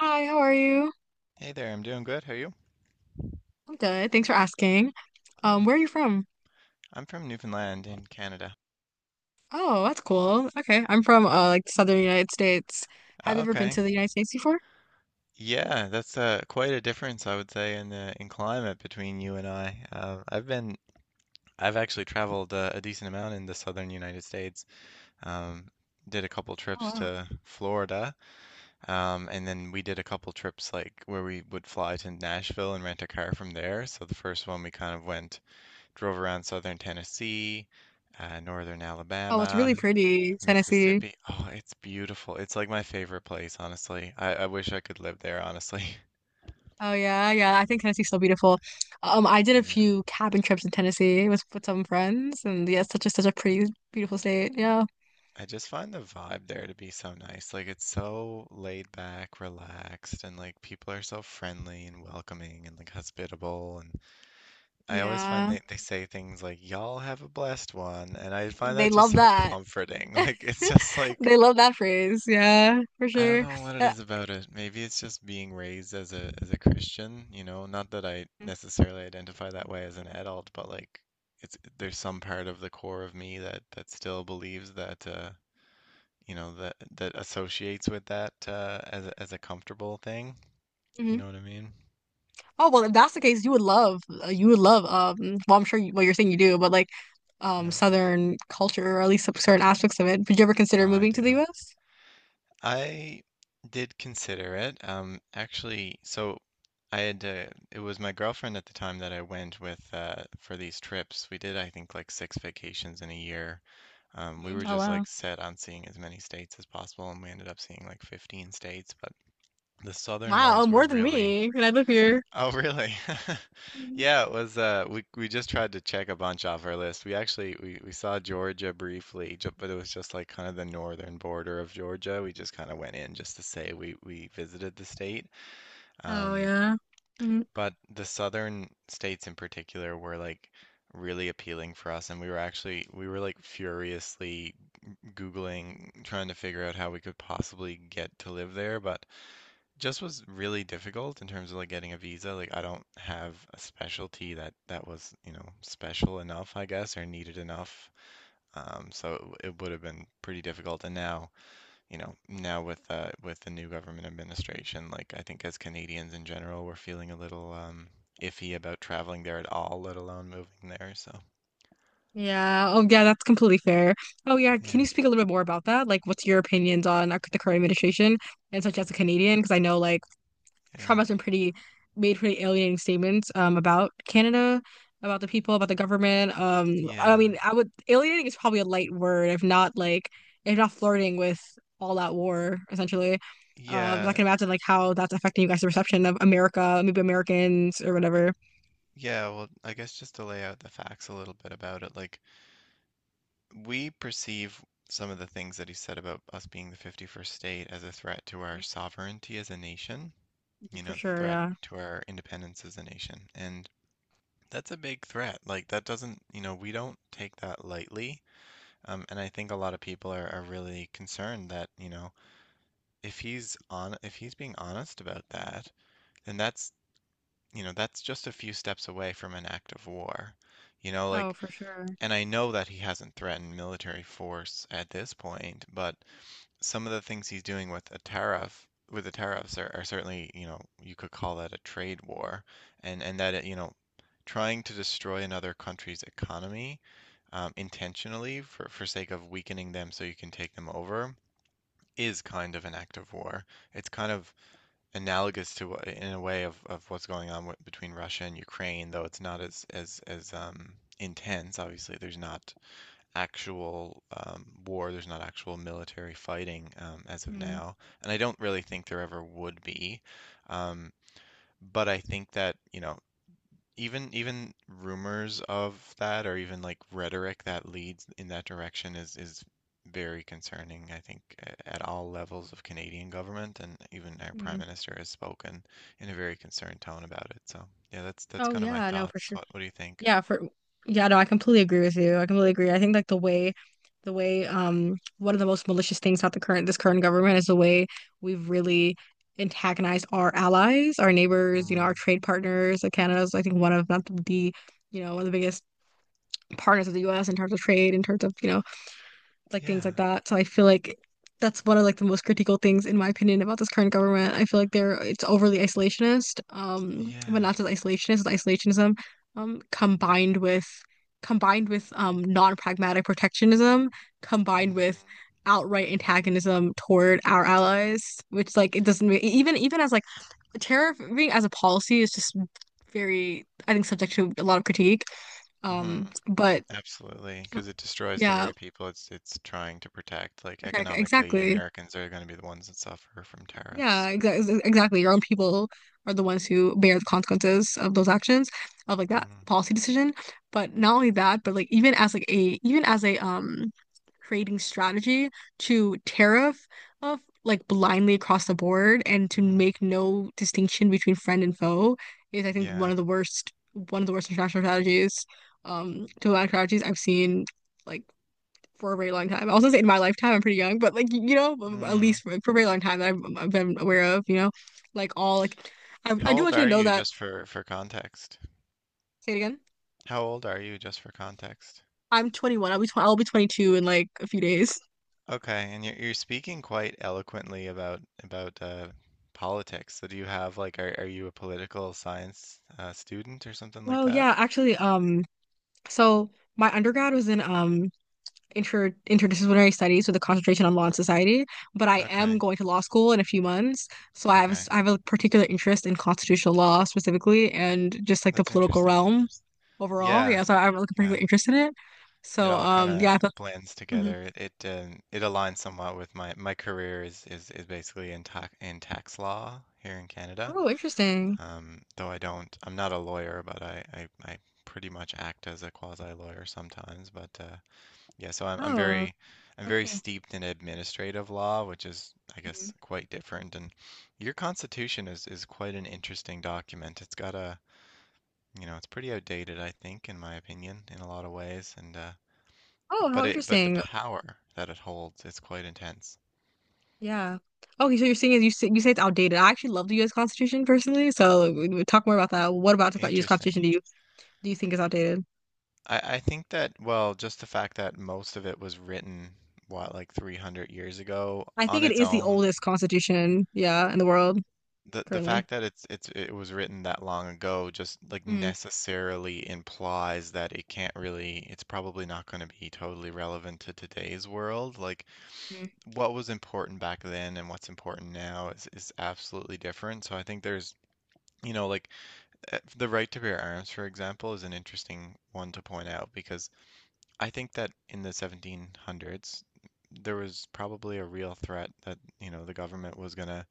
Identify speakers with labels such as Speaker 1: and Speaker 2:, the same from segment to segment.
Speaker 1: Hi, how are you?
Speaker 2: Hey there, I'm doing good. How are you?
Speaker 1: I'm good. Thanks for asking.
Speaker 2: Yeah,
Speaker 1: Where are you from?
Speaker 2: I'm from Newfoundland in Canada.
Speaker 1: Oh, that's cool. Okay, I'm from like Southern United States. Have
Speaker 2: Oh,
Speaker 1: you ever been
Speaker 2: okay.
Speaker 1: to the United States before?
Speaker 2: Yeah, that's quite a difference, I would say, in climate between you and I. I've actually traveled a decent amount in the southern United States. Um, did a couple
Speaker 1: Oh
Speaker 2: trips
Speaker 1: wow.
Speaker 2: to Florida, and then we did a couple trips like where we would fly to Nashville and rent a car from there. So the first one we kind of went. Drove around southern Tennessee, northern
Speaker 1: Oh, it's
Speaker 2: Alabama,
Speaker 1: really pretty, Tennessee.
Speaker 2: Mississippi. Oh, it's beautiful. It's like my favorite place, honestly. I wish I could live there, honestly.
Speaker 1: Oh yeah, yeah. I think Tennessee's so beautiful. I did a
Speaker 2: Yeah.
Speaker 1: few cabin trips in Tennessee with some friends, and yeah, it's such a pretty, beautiful state. Yeah,
Speaker 2: I just find the vibe there to be so nice. Like it's so laid back, relaxed, and like people are so friendly and welcoming and like hospitable. And I always find
Speaker 1: yeah.
Speaker 2: they say things like, y'all have a blessed one. And I find
Speaker 1: They
Speaker 2: that just
Speaker 1: love
Speaker 2: so
Speaker 1: that.
Speaker 2: comforting. Like it's just like
Speaker 1: They love that phrase. Yeah, for
Speaker 2: I don't
Speaker 1: sure.
Speaker 2: know what it
Speaker 1: Uh,
Speaker 2: is about it. Maybe it's just being raised as a Christian, you know, not that I necessarily identify that way as an adult, but like it's there's some part of the core of me that still believes that you know, that that associates with that as a comfortable thing. You
Speaker 1: mhm.
Speaker 2: know what I mean?
Speaker 1: Oh well, if that's the case, you would love Well, I'm sure well you're saying you do, but like
Speaker 2: Yeah.
Speaker 1: Southern culture or at least some certain aspects of it. Would you ever
Speaker 2: Oh,
Speaker 1: consider
Speaker 2: I
Speaker 1: moving
Speaker 2: do.
Speaker 1: to the U.S.?
Speaker 2: I did consider it. Actually, so it was my girlfriend at the time that I went with for these trips. We did, I think, like 6 vacations in a year. We
Speaker 1: Mm,
Speaker 2: were
Speaker 1: oh
Speaker 2: just
Speaker 1: wow.
Speaker 2: like set on seeing as many states as possible, and we ended up seeing like 15 states. But the southern
Speaker 1: Wow,
Speaker 2: ones were
Speaker 1: more than
Speaker 2: really
Speaker 1: me. And I live here.
Speaker 2: Oh, really?
Speaker 1: Mhm.
Speaker 2: Yeah, it was uh, we just tried to check a bunch off our list. We actually we saw Georgia briefly, ju- but it was just like kind of the northern border of Georgia. We just kind of went in just to say we visited the state.
Speaker 1: Oh
Speaker 2: Um,
Speaker 1: yeah. Mhm.
Speaker 2: but the southern states in particular were like really appealing for us, and we were actually we were like furiously Googling trying to figure out how we could possibly get to live there, but just was really difficult in terms of like getting a visa. Like I don't have a specialty that was, you know, special enough, I guess, or needed enough. So it would have been pretty difficult. And now, you know, now with the new government administration, like I think as Canadians in general, we're feeling a little iffy about traveling there at all, let alone moving there. So
Speaker 1: Yeah. Oh yeah, that's completely fair. Oh yeah,
Speaker 2: yeah,
Speaker 1: can you speak a little bit more about that? Like what's your opinions on the current administration and such as a Canadian? Because I know like
Speaker 2: yeah,
Speaker 1: Trump has been pretty made pretty alienating statements about Canada, about the people, about the government. I
Speaker 2: yeah.
Speaker 1: mean, I would alienating is probably a light word, if not if not flirting with all out war, essentially. So I
Speaker 2: Yeah,
Speaker 1: can imagine like how that's affecting you guys' perception of America, maybe Americans or whatever.
Speaker 2: yeah, well, I guess just to lay out the facts a little bit about it, like we perceive some of the things that he said about us being the 51st state as a threat to our sovereignty as a nation, you know,
Speaker 1: For
Speaker 2: the
Speaker 1: sure,
Speaker 2: threat
Speaker 1: yeah.
Speaker 2: to our independence as a nation. And that's a big threat. Like, that doesn't, you know, we don't take that lightly. And I think a lot of people are really concerned that, you know, if he's being honest about that, then that's, you know, that's just a few steps away from an act of war. You know,
Speaker 1: Oh,
Speaker 2: like,
Speaker 1: for sure.
Speaker 2: and I know that he hasn't threatened military force at this point, but some of the things he's doing with the tariffs are certainly, you know, you could call that a trade war, and you know, trying to destroy another country's economy intentionally for sake of weakening them so you can take them over is kind of an act of war. It's kind of analogous to in a way of what's going on between Russia and Ukraine, though it's not as intense. Obviously, there's not actual war. There's not actual military fighting as of now, and I don't really think there ever would be. Um, but I think that, you know, even rumors of that or even like rhetoric that leads in that direction is very concerning, I think, at all levels of Canadian government, and even our
Speaker 1: Mm-hmm.
Speaker 2: Prime Minister has spoken in a very concerned tone about it. So, yeah, that's
Speaker 1: Oh
Speaker 2: kind of my
Speaker 1: yeah, no, for
Speaker 2: thoughts.
Speaker 1: sure.
Speaker 2: What do you think?
Speaker 1: Yeah, for yeah, no, I completely agree with you. I completely agree. I think like the way one of the most malicious things about the current this current government is the way we've really antagonized our allies, our neighbors, you know,
Speaker 2: Mm,
Speaker 1: our trade partners. Like Canada's I think one of not the you know, one of the biggest partners of the U.S. in terms of trade, in terms of, you know, like things like
Speaker 2: yeah,
Speaker 1: that. So I feel like that's one of like the most critical things in my opinion about this current government. I feel like they're it's overly isolationist, but
Speaker 2: yeah.
Speaker 1: not just isolationist, it's isolationism, um, combined with combined with non-pragmatic protectionism, combined with
Speaker 2: Mm,
Speaker 1: outright antagonism toward our allies, which like it doesn't make, even as like tariffing as a policy is just very I think subject to a lot of critique.
Speaker 2: mhm.
Speaker 1: But
Speaker 2: Absolutely, because it destroys the
Speaker 1: yeah,
Speaker 2: very people it's trying to protect. Like
Speaker 1: protect
Speaker 2: economically,
Speaker 1: exactly.
Speaker 2: Americans are going to be the ones that suffer from
Speaker 1: Yeah,
Speaker 2: tariffs.
Speaker 1: exactly. Exactly. Your own people are the ones who bear the consequences of those actions, of like that
Speaker 2: Mm-hmm.
Speaker 1: policy decision. But not only that, but like even as a creating strategy to tariff of like blindly across the board and to
Speaker 2: Mm-hmm.
Speaker 1: make no distinction between friend and foe is I think one
Speaker 2: Yeah.
Speaker 1: of the worst international strategies, diplomatic strategies I've seen. Like for a very long time. I was gonna say in my lifetime, I'm pretty young, but like you know, at
Speaker 2: Mm.
Speaker 1: least for a very long time that I've been aware of, you know, like all like I
Speaker 2: How
Speaker 1: do
Speaker 2: old
Speaker 1: want you to
Speaker 2: are
Speaker 1: know
Speaker 2: you,
Speaker 1: that.
Speaker 2: just for context?
Speaker 1: Say it again.
Speaker 2: How old are you, just for context?
Speaker 1: I'm 21. I'll be tw I'll be 22 in like a few days.
Speaker 2: Okay, and you're speaking quite eloquently about politics. So do you have like are you a political science student or something like
Speaker 1: Oh
Speaker 2: that?
Speaker 1: yeah, actually, so my undergrad was in interdisciplinary studies with a concentration on law and society, but I am
Speaker 2: Okay,
Speaker 1: going to law school in a few months, so I have a
Speaker 2: okay,
Speaker 1: I have a particular interest in constitutional law specifically and just like the
Speaker 2: that's
Speaker 1: political
Speaker 2: interesting.
Speaker 1: realm overall.
Speaker 2: Yeah,
Speaker 1: Yeah, so I have like a
Speaker 2: yeah.
Speaker 1: particular interest in it.
Speaker 2: It
Speaker 1: So
Speaker 2: all kind
Speaker 1: yeah,
Speaker 2: of
Speaker 1: I thought,
Speaker 2: blends
Speaker 1: mhm.
Speaker 2: together. It aligns somewhat with my my career is basically in tax law here in Canada.
Speaker 1: Oh, interesting.
Speaker 2: Though I don't I'm not a lawyer, but I pretty much act as a quasi lawyer sometimes. But yeah, so
Speaker 1: Oh,
Speaker 2: I'm
Speaker 1: oh,
Speaker 2: very
Speaker 1: cool.
Speaker 2: steeped in administrative law, which is I
Speaker 1: Mhm.
Speaker 2: guess quite different. And your Constitution is quite an interesting document. It's got a you know it's pretty outdated, I think, in my opinion, in a lot of ways, and
Speaker 1: Oh, how
Speaker 2: but the
Speaker 1: interesting.
Speaker 2: power that it holds is quite intense.
Speaker 1: Yeah. Okay, so you're saying you say it's outdated. I actually love the U.S. Constitution personally, so we talk more about that. What about the U.S. Constitution
Speaker 2: Interesting.
Speaker 1: do you think is outdated?
Speaker 2: I think that, well, just the fact that most of it was written, what, like 300 years ago
Speaker 1: I
Speaker 2: on
Speaker 1: think it
Speaker 2: its
Speaker 1: is the
Speaker 2: own,
Speaker 1: oldest constitution, yeah, in the world
Speaker 2: the
Speaker 1: currently.
Speaker 2: fact that it was written that long ago just like
Speaker 1: Mm,
Speaker 2: necessarily implies that it can't really, it's probably not going to be totally relevant to today's world. Like
Speaker 1: mm,
Speaker 2: what was important back then and what's important now is absolutely different. So I think there's, you know, like the right to bear arms, for example, is an interesting one to point out because I think that in the 1700s, there was probably a real threat that, you know, the government was going to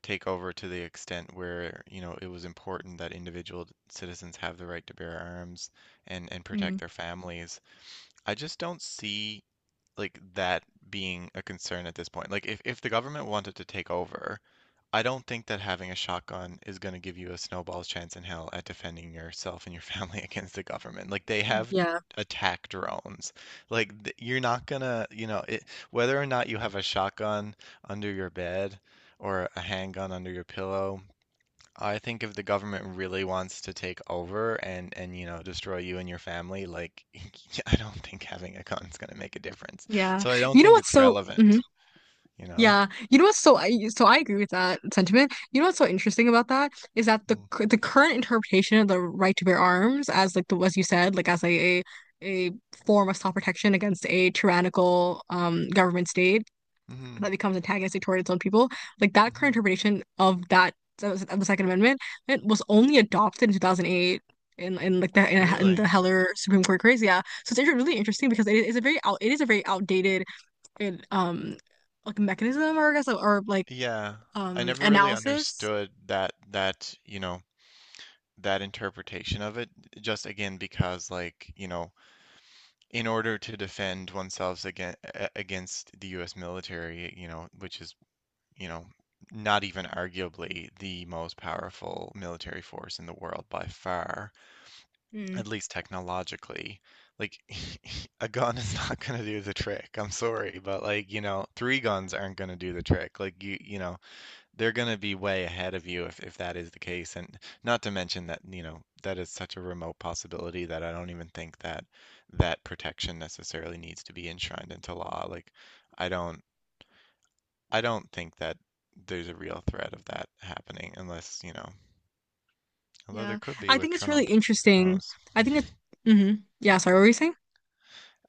Speaker 2: take over to the extent where, you know, it was important that individual citizens have the right to bear arms and protect
Speaker 1: mm.
Speaker 2: their families. I just don't see like that being a concern at this point. Like if the government wanted to take over, I don't think that having a shotgun is going to give you a snowball's chance in hell at defending yourself and your family against the government. Like they have
Speaker 1: Yeah,
Speaker 2: attack drones. You're not gonna, you know, whether or not you have a shotgun under your bed or a handgun under your pillow, I think if the government really wants to take over and you know destroy you and your family, like I don't think having a gun's going to make a difference.
Speaker 1: yeah.
Speaker 2: So I don't
Speaker 1: You know
Speaker 2: think
Speaker 1: what's
Speaker 2: it's
Speaker 1: so, mhm.
Speaker 2: relevant, you know?
Speaker 1: yeah. You know what's so, I agree with that sentiment. You know what's so interesting about that is that the current interpretation of the right to bear arms as like the as you said, like as a form of self protection against a tyrannical government state
Speaker 2: Mm-hmm.
Speaker 1: that becomes antagonistic toward its own people. Like that
Speaker 2: Hmm.
Speaker 1: current interpretation of that of the Second Amendment, it was only adopted in 2008 in in the
Speaker 2: Really?
Speaker 1: Heller Supreme Court case. Yeah, so it's really interesting because it is a very out it is a very outdated and, like mechanism or I guess or like
Speaker 2: Yeah. I never really
Speaker 1: analysis.
Speaker 2: understood that, you know, that interpretation of it just again because like, you know, in order to defend oneself against the US military, you know, which is, you know, not even arguably the most powerful military force in the world by far.
Speaker 1: Mm,
Speaker 2: At least technologically, like a gun is not going to do the trick. I'm sorry, but like, you know, three guns aren't going to do the trick. Like you know, they're going to be way ahead of you if that is the case. And not to mention that, you know, that is such a remote possibility that I don't even think that protection necessarily needs to be enshrined into law. Like I don't I don't think that there's a real threat of that happening unless, you know, although there
Speaker 1: yeah.
Speaker 2: could be
Speaker 1: I
Speaker 2: with
Speaker 1: think it's really
Speaker 2: Trump. Who
Speaker 1: interesting.
Speaker 2: knows?
Speaker 1: I think it's mm-hmm. Yeah, sorry, what were you saying?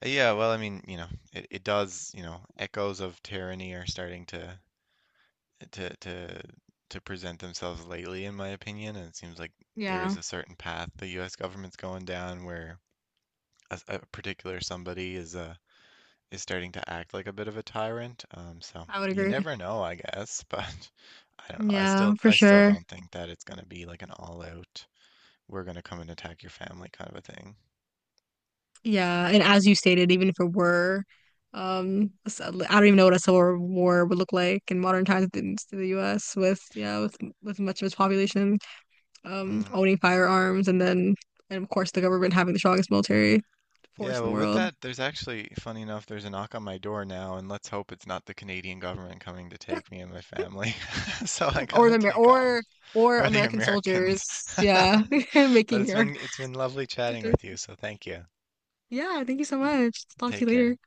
Speaker 2: Yeah, well, I mean, you know, it does, you know, echoes of tyranny are starting to to to present themselves lately, in my opinion, and it seems like there
Speaker 1: Yeah,
Speaker 2: is a certain path the U.S. government's going down where a particular somebody is starting to act like a bit of a tyrant. So
Speaker 1: I would
Speaker 2: you
Speaker 1: agree.
Speaker 2: never know, I guess, but I don't know.
Speaker 1: Yeah, for
Speaker 2: I still
Speaker 1: sure.
Speaker 2: don't think that it's gonna be like an all out, we're gonna come and attack your family kind of a thing.
Speaker 1: Yeah, and as you stated, even if it were, I don't even know what a civil war would look like in modern times in to the U.S. with yeah, with much of its population
Speaker 2: Hmm.
Speaker 1: owning firearms, and then and of course the government having the strongest military
Speaker 2: Yeah,
Speaker 1: force in the
Speaker 2: well, with
Speaker 1: world,
Speaker 2: that, there's actually, funny enough, there's a knock on my door now, and let's hope it's not the Canadian government coming to take me and my family. So I
Speaker 1: or
Speaker 2: gotta
Speaker 1: the Amer
Speaker 2: take off,
Speaker 1: or or
Speaker 2: or the
Speaker 1: American
Speaker 2: Americans.
Speaker 1: soldiers, yeah,
Speaker 2: But
Speaker 1: making your
Speaker 2: it's been lovely chatting with you, so thank you.
Speaker 1: yeah. Thank you so much. Talk to
Speaker 2: Take
Speaker 1: you later.
Speaker 2: care.